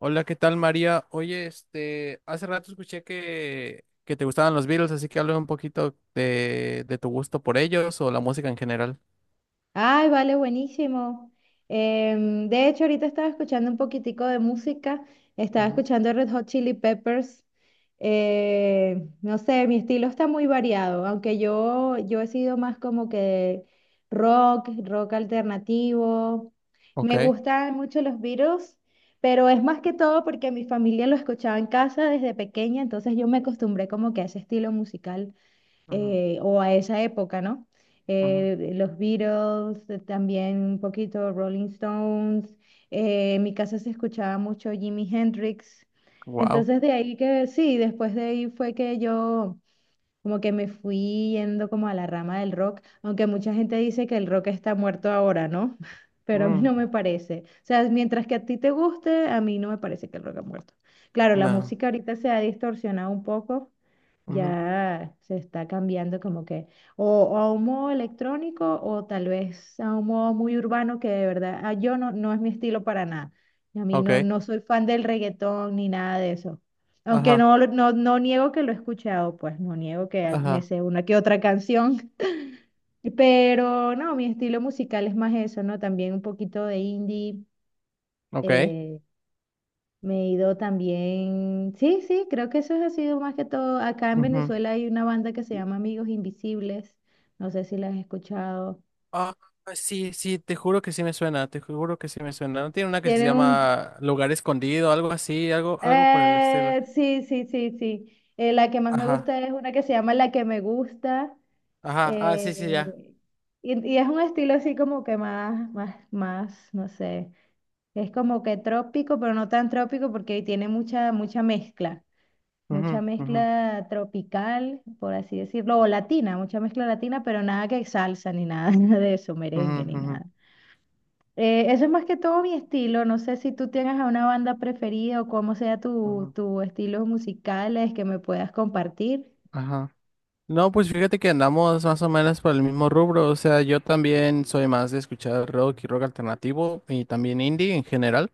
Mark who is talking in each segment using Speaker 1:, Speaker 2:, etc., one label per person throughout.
Speaker 1: Hola, ¿qué tal, María? Oye, hace rato escuché que te gustaban los Beatles, así que hablé un poquito de tu gusto por ellos o la música en general.
Speaker 2: Ay, vale, buenísimo. De hecho, ahorita estaba escuchando un poquitico de música, estaba
Speaker 1: Ujú.
Speaker 2: escuchando Red Hot Chili Peppers. No sé, mi estilo está muy variado, aunque yo he sido más como que rock, rock alternativo.
Speaker 1: Ok.
Speaker 2: Me gustan mucho los Beatles, pero es más que todo porque mi familia lo escuchaba en casa desde pequeña, entonces yo me acostumbré como que a ese estilo musical,
Speaker 1: Ujú,
Speaker 2: o a esa época, ¿no?
Speaker 1: ujú,
Speaker 2: Los Beatles, también un poquito Rolling Stones, en mi casa se escuchaba mucho Jimi Hendrix,
Speaker 1: wow.
Speaker 2: entonces de ahí que sí, después de ahí fue que yo como que me fui yendo como a la rama del rock, aunque mucha gente dice que el rock está muerto ahora, ¿no? Pero a mí
Speaker 1: Mm.
Speaker 2: no me parece. O sea, mientras que a ti te guste, a mí no me parece que el rock ha muerto. Claro, la
Speaker 1: No.
Speaker 2: música ahorita se ha distorsionado un poco,
Speaker 1: Ujú.
Speaker 2: ya se está cambiando como que o a un modo electrónico o tal vez a un modo muy urbano que de verdad yo no es mi estilo para nada. Y a mí
Speaker 1: Ok,
Speaker 2: no soy fan del reggaetón ni nada de eso. Aunque
Speaker 1: ajá,
Speaker 2: no, no, no niego que lo he escuchado, pues no niego que me
Speaker 1: ajá,
Speaker 2: sé una que otra canción. Pero no, mi estilo musical es más eso, ¿no? También un poquito de indie.
Speaker 1: ok.
Speaker 2: eh, Me he ido también, sí, sí, creo que eso ha sido más que todo. Acá en
Speaker 1: Ujú.
Speaker 2: Venezuela hay una banda que se llama Amigos Invisibles, no sé si la has escuchado.
Speaker 1: Ah, sí, sí, te juro que sí me suena, te juro que sí me suena. ¿No tiene una que se
Speaker 2: Tienen un,
Speaker 1: llama Lugar Escondido, algo así, algo, algo por el estilo?
Speaker 2: sí, sí, sí, sí. La que más me gusta
Speaker 1: Ajá,
Speaker 2: es una que se llama La que me gusta.
Speaker 1: ajá, ah, sí, sí, ya.
Speaker 2: eh, y es un estilo así como que más, no sé. Es como que trópico, pero no tan trópico porque tiene mucha mezcla. Mucha
Speaker 1: Ujú, ujú,
Speaker 2: mezcla tropical, por así decirlo, o latina, mucha mezcla latina, pero nada que salsa ni nada de eso,
Speaker 1: ujú,
Speaker 2: merengue ni
Speaker 1: ujú,
Speaker 2: nada. Eso es más que todo mi estilo. No sé si tú tienes a una banda preferida o cómo sea
Speaker 1: ujú.
Speaker 2: tu estilos musicales que me puedas compartir.
Speaker 1: Ajá. No, pues fíjate que andamos más o menos por el mismo rubro. O sea, yo también soy más de escuchar rock y rock alternativo y también indie en general.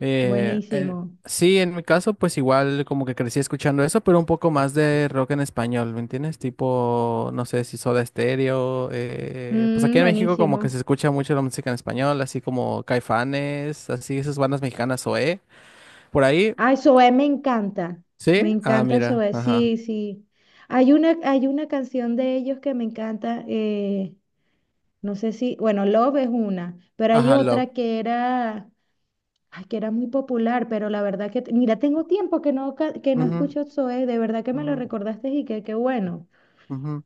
Speaker 1: Eh, eh,
Speaker 2: Buenísimo.
Speaker 1: sí, en mi caso, pues igual como que crecí escuchando eso, pero un poco más de rock en español, ¿me entiendes? Tipo, no sé si Soda Stereo. Pues aquí
Speaker 2: Mm,
Speaker 1: en México como que
Speaker 2: buenísimo.
Speaker 1: se escucha mucho la música en español, así como Caifanes, así esas bandas mexicanas, OE. Por ahí,
Speaker 2: Ay, Zoé me encanta. Me
Speaker 1: ¿sí? Ah,
Speaker 2: encanta
Speaker 1: mira,
Speaker 2: Zoé.
Speaker 1: ajá.
Speaker 2: Sí, sí. Hay una canción de ellos que me encanta. No sé si, bueno, Love es una, pero hay
Speaker 1: Ajá,
Speaker 2: otra
Speaker 1: Love.
Speaker 2: que era, ay, que era muy popular, pero la verdad que, mira, tengo tiempo que no, que no
Speaker 1: Ujú,
Speaker 2: escucho Zoe, de verdad que me
Speaker 1: ujú,
Speaker 2: lo recordaste y que qué bueno.
Speaker 1: ujú.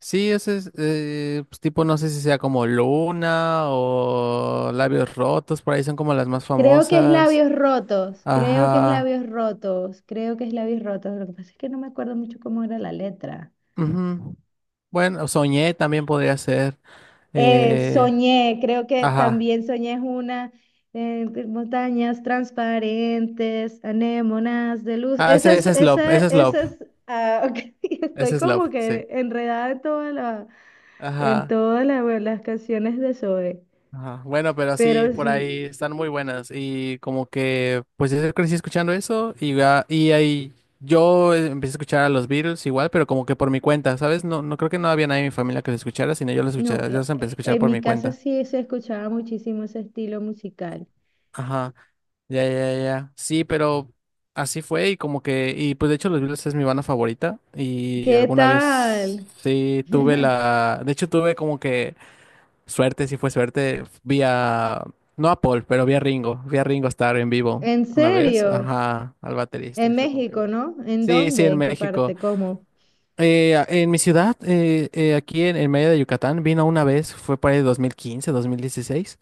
Speaker 1: Sí, ese es pues, tipo, no sé si sea como Luna o Labios Rotos, por ahí son como las más
Speaker 2: Creo que es
Speaker 1: famosas.
Speaker 2: Labios Rotos, creo que es
Speaker 1: Ajá.
Speaker 2: Labios Rotos, Creo que es Labios Rotos, lo que pasa es que no me acuerdo mucho cómo era la letra.
Speaker 1: Ujú. Bueno, Soñé también podría ser. eh,
Speaker 2: Soñé, creo que
Speaker 1: ajá.
Speaker 2: también soñé es una, montañas transparentes, anémonas de luz.
Speaker 1: Ah, ese, ese es Love, ese es Love,
Speaker 2: Esa es. Ah, ok.
Speaker 1: ese
Speaker 2: Estoy
Speaker 1: es Love,
Speaker 2: como
Speaker 1: sí.
Speaker 2: que enredada en toda la, en
Speaker 1: Ajá.
Speaker 2: todas la- Bueno, las canciones de Zoe,
Speaker 1: Ajá. Bueno, pero sí,
Speaker 2: pero
Speaker 1: por
Speaker 2: sí,
Speaker 1: ahí están muy buenas y como que pues yo crecí escuchando eso y, y ahí yo empecé a escuchar a los Beatles igual, pero como que por mi cuenta, ¿sabes? No, no creo que no había nadie en mi familia que los escuchara, sino yo los
Speaker 2: no,
Speaker 1: escuchaba, yo los empecé a escuchar
Speaker 2: en
Speaker 1: por
Speaker 2: mi
Speaker 1: mi
Speaker 2: casa
Speaker 1: cuenta.
Speaker 2: sí se escuchaba muchísimo ese estilo musical.
Speaker 1: Ajá, ya. Sí, pero así fue y como que, y pues de hecho los Beatles es mi banda favorita y
Speaker 2: ¿Qué
Speaker 1: alguna vez
Speaker 2: tal?
Speaker 1: sí tuve la, de hecho tuve como que suerte, si fue suerte, no a Paul, pero vi a Ringo estar en vivo
Speaker 2: ¿En
Speaker 1: una vez,
Speaker 2: serio?
Speaker 1: ajá, al baterista,
Speaker 2: ¿En
Speaker 1: y fue como que
Speaker 2: México,
Speaker 1: wow.
Speaker 2: no? ¿En
Speaker 1: Sí, sí,
Speaker 2: dónde?
Speaker 1: en
Speaker 2: ¿En qué
Speaker 1: México.
Speaker 2: parte? ¿Cómo?
Speaker 1: En mi ciudad, aquí en medio de Yucatán, vino una vez, fue para el 2015, 2016,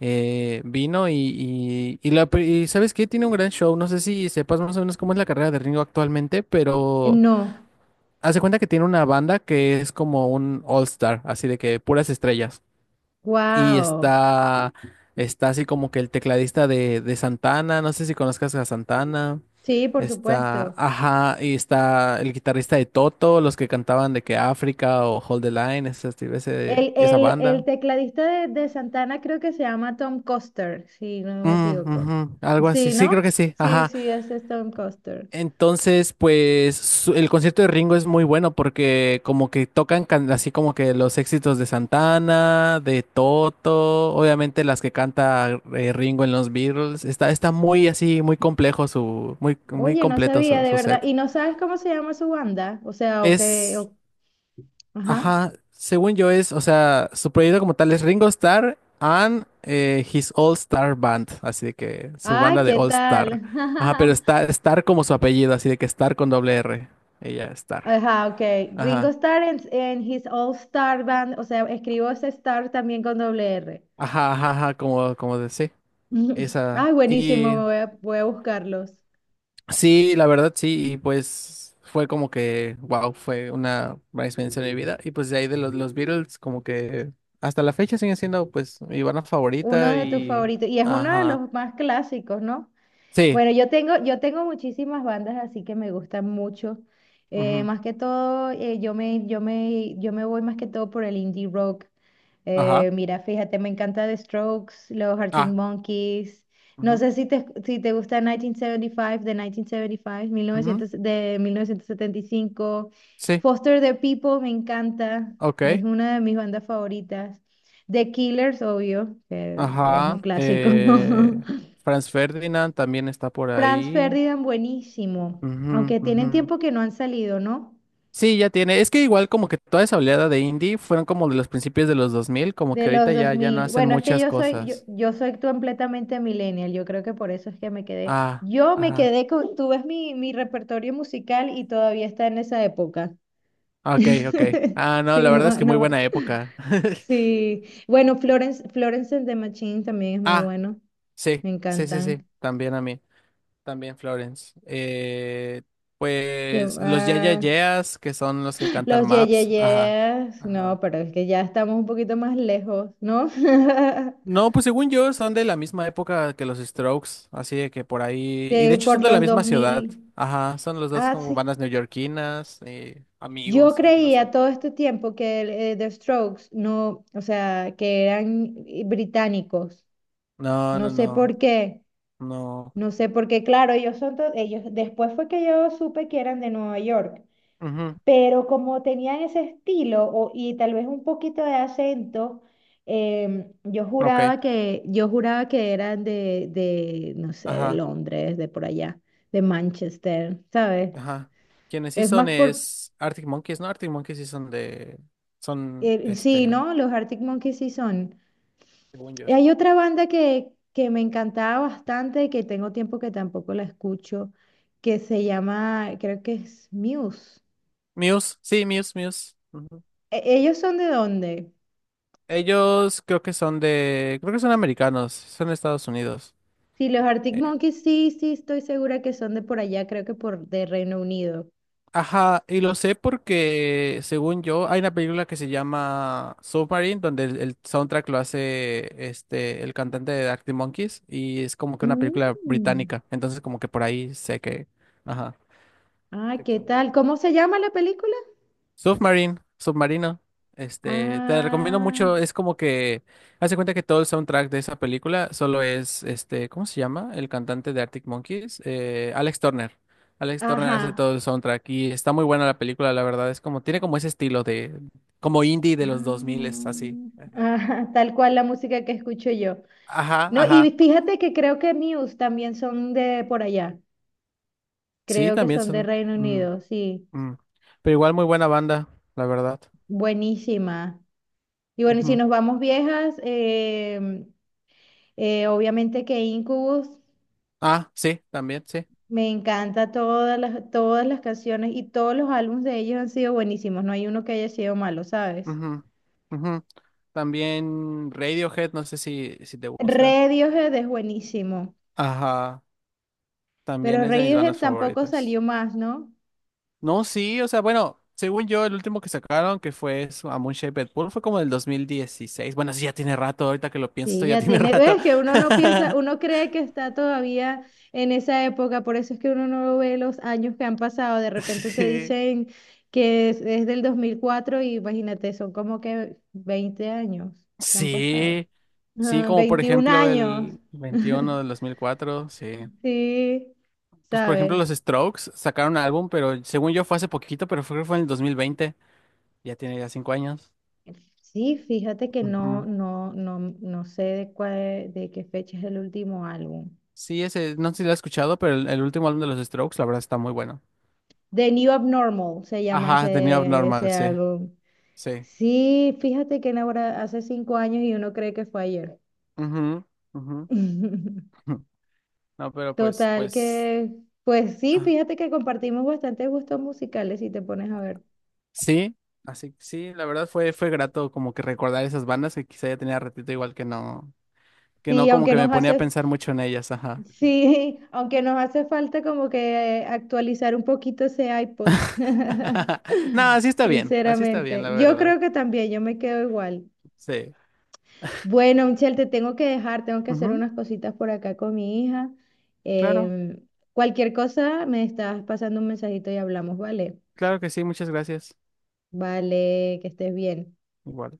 Speaker 1: vino y y ¿sabes qué? Tiene un gran show, no sé si sepas más o menos cómo es la carrera de Ringo actualmente, pero
Speaker 2: No.
Speaker 1: hace cuenta que tiene una banda que es como un all-star, así de que puras estrellas. Y
Speaker 2: Wow.
Speaker 1: está, está así como que el tecladista de Santana, no sé si conozcas a Santana.
Speaker 2: Sí, por
Speaker 1: Está,
Speaker 2: supuesto.
Speaker 1: ajá, y está el guitarrista de Toto, los que cantaban de que África o Hold the Line,
Speaker 2: El,
Speaker 1: esa
Speaker 2: el, el
Speaker 1: banda.
Speaker 2: tecladista de Santana creo que se llama Tom Coster, si no me
Speaker 1: Mm,
Speaker 2: equivoco.
Speaker 1: ujú, algo así,
Speaker 2: Sí,
Speaker 1: sí, creo que
Speaker 2: ¿no?
Speaker 1: sí,
Speaker 2: Sí,
Speaker 1: ajá.
Speaker 2: sí, ese es Tom Coster.
Speaker 1: Entonces, pues el concierto de Ringo es muy bueno porque como que así como que los éxitos de Santana, de Toto, obviamente las que canta Ringo en los Beatles. Está muy así, muy complejo muy
Speaker 2: Oye, no
Speaker 1: completo
Speaker 2: sabía,
Speaker 1: su,
Speaker 2: de
Speaker 1: su
Speaker 2: verdad.
Speaker 1: set.
Speaker 2: ¿Y no sabes cómo se llama su banda? O sea,
Speaker 1: Es
Speaker 2: ajá.
Speaker 1: ajá, según yo es, o sea, su proyecto como tal es Ringo Starr and his All Star Band, así de que su
Speaker 2: Ay,
Speaker 1: banda de
Speaker 2: ¿qué
Speaker 1: All Star.
Speaker 2: tal?
Speaker 1: Ajá, pero está Star como su apellido, así de que Star con doble R. Ella, Star.
Speaker 2: Ajá, ok. Ringo
Speaker 1: Ajá,
Speaker 2: Starr en his All Star Band, o sea, escribo ese Star también con doble R.
Speaker 1: ajá, como, como de sí, esa.
Speaker 2: Ay, buenísimo,
Speaker 1: Y
Speaker 2: voy a buscarlos.
Speaker 1: sí, la verdad sí, y pues fue como que, wow, fue una gran experiencia de mi vida. Y pues de ahí de los Beatles, como que hasta la fecha siguen siendo pues mi banda
Speaker 2: Uno
Speaker 1: favorita
Speaker 2: de tus
Speaker 1: y,
Speaker 2: favoritos, y es uno de
Speaker 1: ajá.
Speaker 2: los más clásicos, ¿no?
Speaker 1: Sí.
Speaker 2: Bueno, yo tengo muchísimas bandas así que me gustan mucho.
Speaker 1: Ujú.
Speaker 2: Más que todo, yo me voy más que todo por el indie rock.
Speaker 1: Ajá.
Speaker 2: Mira, fíjate, me encanta The Strokes, los Arctic
Speaker 1: Ah.
Speaker 2: Monkeys. No
Speaker 1: Ujú.
Speaker 2: sé si te gusta 1975, de
Speaker 1: Ujú.
Speaker 2: 1975, novecientos setenta y cinco, mil novecientos, de 1975,
Speaker 1: Sí,
Speaker 2: Foster the People, me encanta.
Speaker 1: ok.
Speaker 2: Es una de mis bandas favoritas. The Killers, obvio, que es un
Speaker 1: Ajá.
Speaker 2: clásico, ¿no?
Speaker 1: Franz Ferdinand también está por
Speaker 2: Franz
Speaker 1: ahí.
Speaker 2: Ferdinand, buenísimo.
Speaker 1: Ujú,
Speaker 2: Aunque tienen
Speaker 1: ujú.
Speaker 2: tiempo que no han salido, ¿no?
Speaker 1: Sí, ya tiene. Es que igual como que toda esa oleada de indie fueron como de los principios de los 2000 como
Speaker 2: De
Speaker 1: que
Speaker 2: los
Speaker 1: ahorita
Speaker 2: dos
Speaker 1: ya, ya no
Speaker 2: mil.
Speaker 1: hacen
Speaker 2: Bueno, es que
Speaker 1: muchas
Speaker 2: yo soy,
Speaker 1: cosas.
Speaker 2: yo soy completamente millennial. Yo creo que por eso es que me quedé.
Speaker 1: Ah,
Speaker 2: Yo me
Speaker 1: ajá.
Speaker 2: quedé con, tú ves mi repertorio musical y todavía está en esa época.
Speaker 1: Ok, ok. Ah, no,
Speaker 2: Sí,
Speaker 1: la verdad
Speaker 2: no,
Speaker 1: es que muy buena
Speaker 2: no.
Speaker 1: época.
Speaker 2: Sí. Bueno, Florence and the Machine también es muy
Speaker 1: Ah,
Speaker 2: bueno.
Speaker 1: sí,
Speaker 2: Me
Speaker 1: sí, sí, sí,
Speaker 2: encantan.
Speaker 1: también a mí. También Florence.
Speaker 2: ¿Qué
Speaker 1: Pues los Ya Ya
Speaker 2: va?
Speaker 1: Yeahs, que son los que cantan
Speaker 2: Los Ye Ye
Speaker 1: Maps. Ajá.
Speaker 2: Yes. No,
Speaker 1: Ajá.
Speaker 2: pero es que ya estamos un poquito más lejos, ¿no?
Speaker 1: No, pues según yo son de la misma época que los Strokes, así de que por ahí. Y de
Speaker 2: De,
Speaker 1: hecho son
Speaker 2: por
Speaker 1: de la
Speaker 2: los
Speaker 1: misma ciudad.
Speaker 2: 2000.
Speaker 1: Ajá, son los dos
Speaker 2: Ah,
Speaker 1: como
Speaker 2: sí.
Speaker 1: bandas neoyorquinas,
Speaker 2: Yo
Speaker 1: amigos
Speaker 2: creía
Speaker 1: incluso.
Speaker 2: todo este tiempo que el, The Strokes no, o sea, que eran británicos.
Speaker 1: No,
Speaker 2: No
Speaker 1: no,
Speaker 2: sé
Speaker 1: no,
Speaker 2: por qué,
Speaker 1: no.
Speaker 2: no sé por qué, claro, ellos después fue que yo supe que eran de Nueva York,
Speaker 1: Ujú,
Speaker 2: pero como tenían ese estilo y tal vez un poquito de acento,
Speaker 1: ok,
Speaker 2: yo juraba que eran de no sé, de
Speaker 1: ajá,
Speaker 2: Londres, de por allá, de Manchester, ¿sabes?
Speaker 1: ajá. Quienes sí
Speaker 2: Es más
Speaker 1: son
Speaker 2: por
Speaker 1: es Arctic Monkeys, ¿no? Arctic Monkeys sí son de, son,
Speaker 2: sí, ¿no? Los Arctic Monkeys sí son.
Speaker 1: según yo.
Speaker 2: Y
Speaker 1: Sí.
Speaker 2: hay otra banda que me encantaba bastante, y que tengo tiempo que tampoco la escucho, que se llama, creo que es Muse.
Speaker 1: Muse, sí, Muse. Ujú.
Speaker 2: ¿Ellos son de dónde?
Speaker 1: Ellos creo que son de, creo que son americanos, son de Estados Unidos.
Speaker 2: Sí, los Arctic
Speaker 1: Eh,
Speaker 2: Monkeys, sí, sí, estoy segura que son de por allá, creo que por de Reino Unido.
Speaker 1: ajá, y lo sé porque, según yo, hay una película que se llama Submarine, donde el soundtrack lo hace este, el cantante de Arctic Monkeys, y es como que una película
Speaker 2: Mm.
Speaker 1: británica, entonces como que por ahí sé que, ajá.
Speaker 2: Ah,
Speaker 1: Sé que
Speaker 2: ¿qué
Speaker 1: son de allá.
Speaker 2: tal? ¿Cómo se llama la película?
Speaker 1: Submarine, Submarino. Este, te recomiendo
Speaker 2: Ah,
Speaker 1: mucho. Es como que, haz de cuenta que todo el soundtrack de esa película solo es, este, ¿cómo se llama? El cantante de Arctic Monkeys, Alex Turner. Alex Turner hace
Speaker 2: ajá.
Speaker 1: todo el soundtrack y está muy buena la película, la verdad. Es como, tiene como ese estilo de, como indie de los 2000, es así.
Speaker 2: Ah,
Speaker 1: Ajá,
Speaker 2: ajá, tal cual la música que escucho yo.
Speaker 1: ajá.
Speaker 2: No, y
Speaker 1: Ajá.
Speaker 2: fíjate que creo que Muse también son de por allá.
Speaker 1: Sí,
Speaker 2: Creo que
Speaker 1: también
Speaker 2: son de
Speaker 1: son,
Speaker 2: Reino
Speaker 1: mm,
Speaker 2: Unido, sí.
Speaker 1: mm. Pero igual muy buena banda, la verdad.
Speaker 2: Buenísima. Y bueno, y si
Speaker 1: Ujú.
Speaker 2: nos vamos viejas, obviamente que Incubus,
Speaker 1: Ah, sí, también, sí.
Speaker 2: me encanta todas las canciones y todos los álbumes de ellos han sido buenísimos. No hay uno que haya sido malo, ¿sabes?
Speaker 1: Ujú, ujú. También Radiohead, no sé si, si te gusta.
Speaker 2: Radiohead es buenísimo,
Speaker 1: Ajá,
Speaker 2: pero
Speaker 1: también es de mis
Speaker 2: Radiohead
Speaker 1: bandas
Speaker 2: tampoco salió
Speaker 1: favoritas.
Speaker 2: más, ¿no?
Speaker 1: No, sí, o sea, bueno, según yo, el último que sacaron, que fue A Moon Shaped Pool, fue como del 2016. Bueno, sí, ya tiene rato, ahorita que lo pienso,
Speaker 2: Sí,
Speaker 1: ya
Speaker 2: ya
Speaker 1: tiene
Speaker 2: tiene,
Speaker 1: rato.
Speaker 2: ves que uno no piensa, uno cree que está todavía en esa época, por eso es que uno no ve los años que han pasado, de repente te
Speaker 1: Sí,
Speaker 2: dicen que es del 2004 y imagínate, son como que 20 años que han pasado.
Speaker 1: sí, sí,
Speaker 2: Ah,
Speaker 1: como por
Speaker 2: 21
Speaker 1: ejemplo
Speaker 2: años.
Speaker 1: el 21 del 2004 sí.
Speaker 2: Sí,
Speaker 1: Pues por ejemplo
Speaker 2: ¿sabes?
Speaker 1: los Strokes sacaron un álbum, pero según yo fue hace poquito, pero fue en el 2020 ya tiene ya 5 años.
Speaker 2: Sí, fíjate que
Speaker 1: Ujú.
Speaker 2: no sé de cuál, de qué fecha es el último álbum.
Speaker 1: Sí, ese, no sé si lo has escuchado, pero el último álbum de los Strokes, la verdad, está muy bueno.
Speaker 2: The New Abnormal se llama
Speaker 1: Ajá, The New Abnormal,
Speaker 2: ese
Speaker 1: sí,
Speaker 2: álbum.
Speaker 1: sí.
Speaker 2: Sí, fíjate que ahora hace cinco años y uno cree que fue ayer.
Speaker 1: Ujú, ujú. No, pero pues,
Speaker 2: Total
Speaker 1: pues,
Speaker 2: que, pues sí,
Speaker 1: ah,
Speaker 2: fíjate que compartimos bastantes gustos musicales si te pones a ver.
Speaker 1: sí, así, sí, la verdad fue grato como que recordar esas bandas que quizá ya tenía ratito igual que no
Speaker 2: Sí,
Speaker 1: como que me ponía a pensar mucho en ellas, ajá.
Speaker 2: sí, aunque nos hace falta como que actualizar un poquito ese iPod.
Speaker 1: No, así está bien,
Speaker 2: Sinceramente,
Speaker 1: la
Speaker 2: yo
Speaker 1: verdad,
Speaker 2: creo que también, yo me quedo igual.
Speaker 1: sí.
Speaker 2: Bueno, Michelle, te tengo que dejar, tengo que hacer
Speaker 1: Ujú,
Speaker 2: unas cositas por acá con mi hija.
Speaker 1: claro,
Speaker 2: Em, Cualquier cosa, me estás pasando un mensajito y hablamos, ¿vale?
Speaker 1: claro que sí, muchas gracias.
Speaker 2: Vale, que estés bien.
Speaker 1: Igual.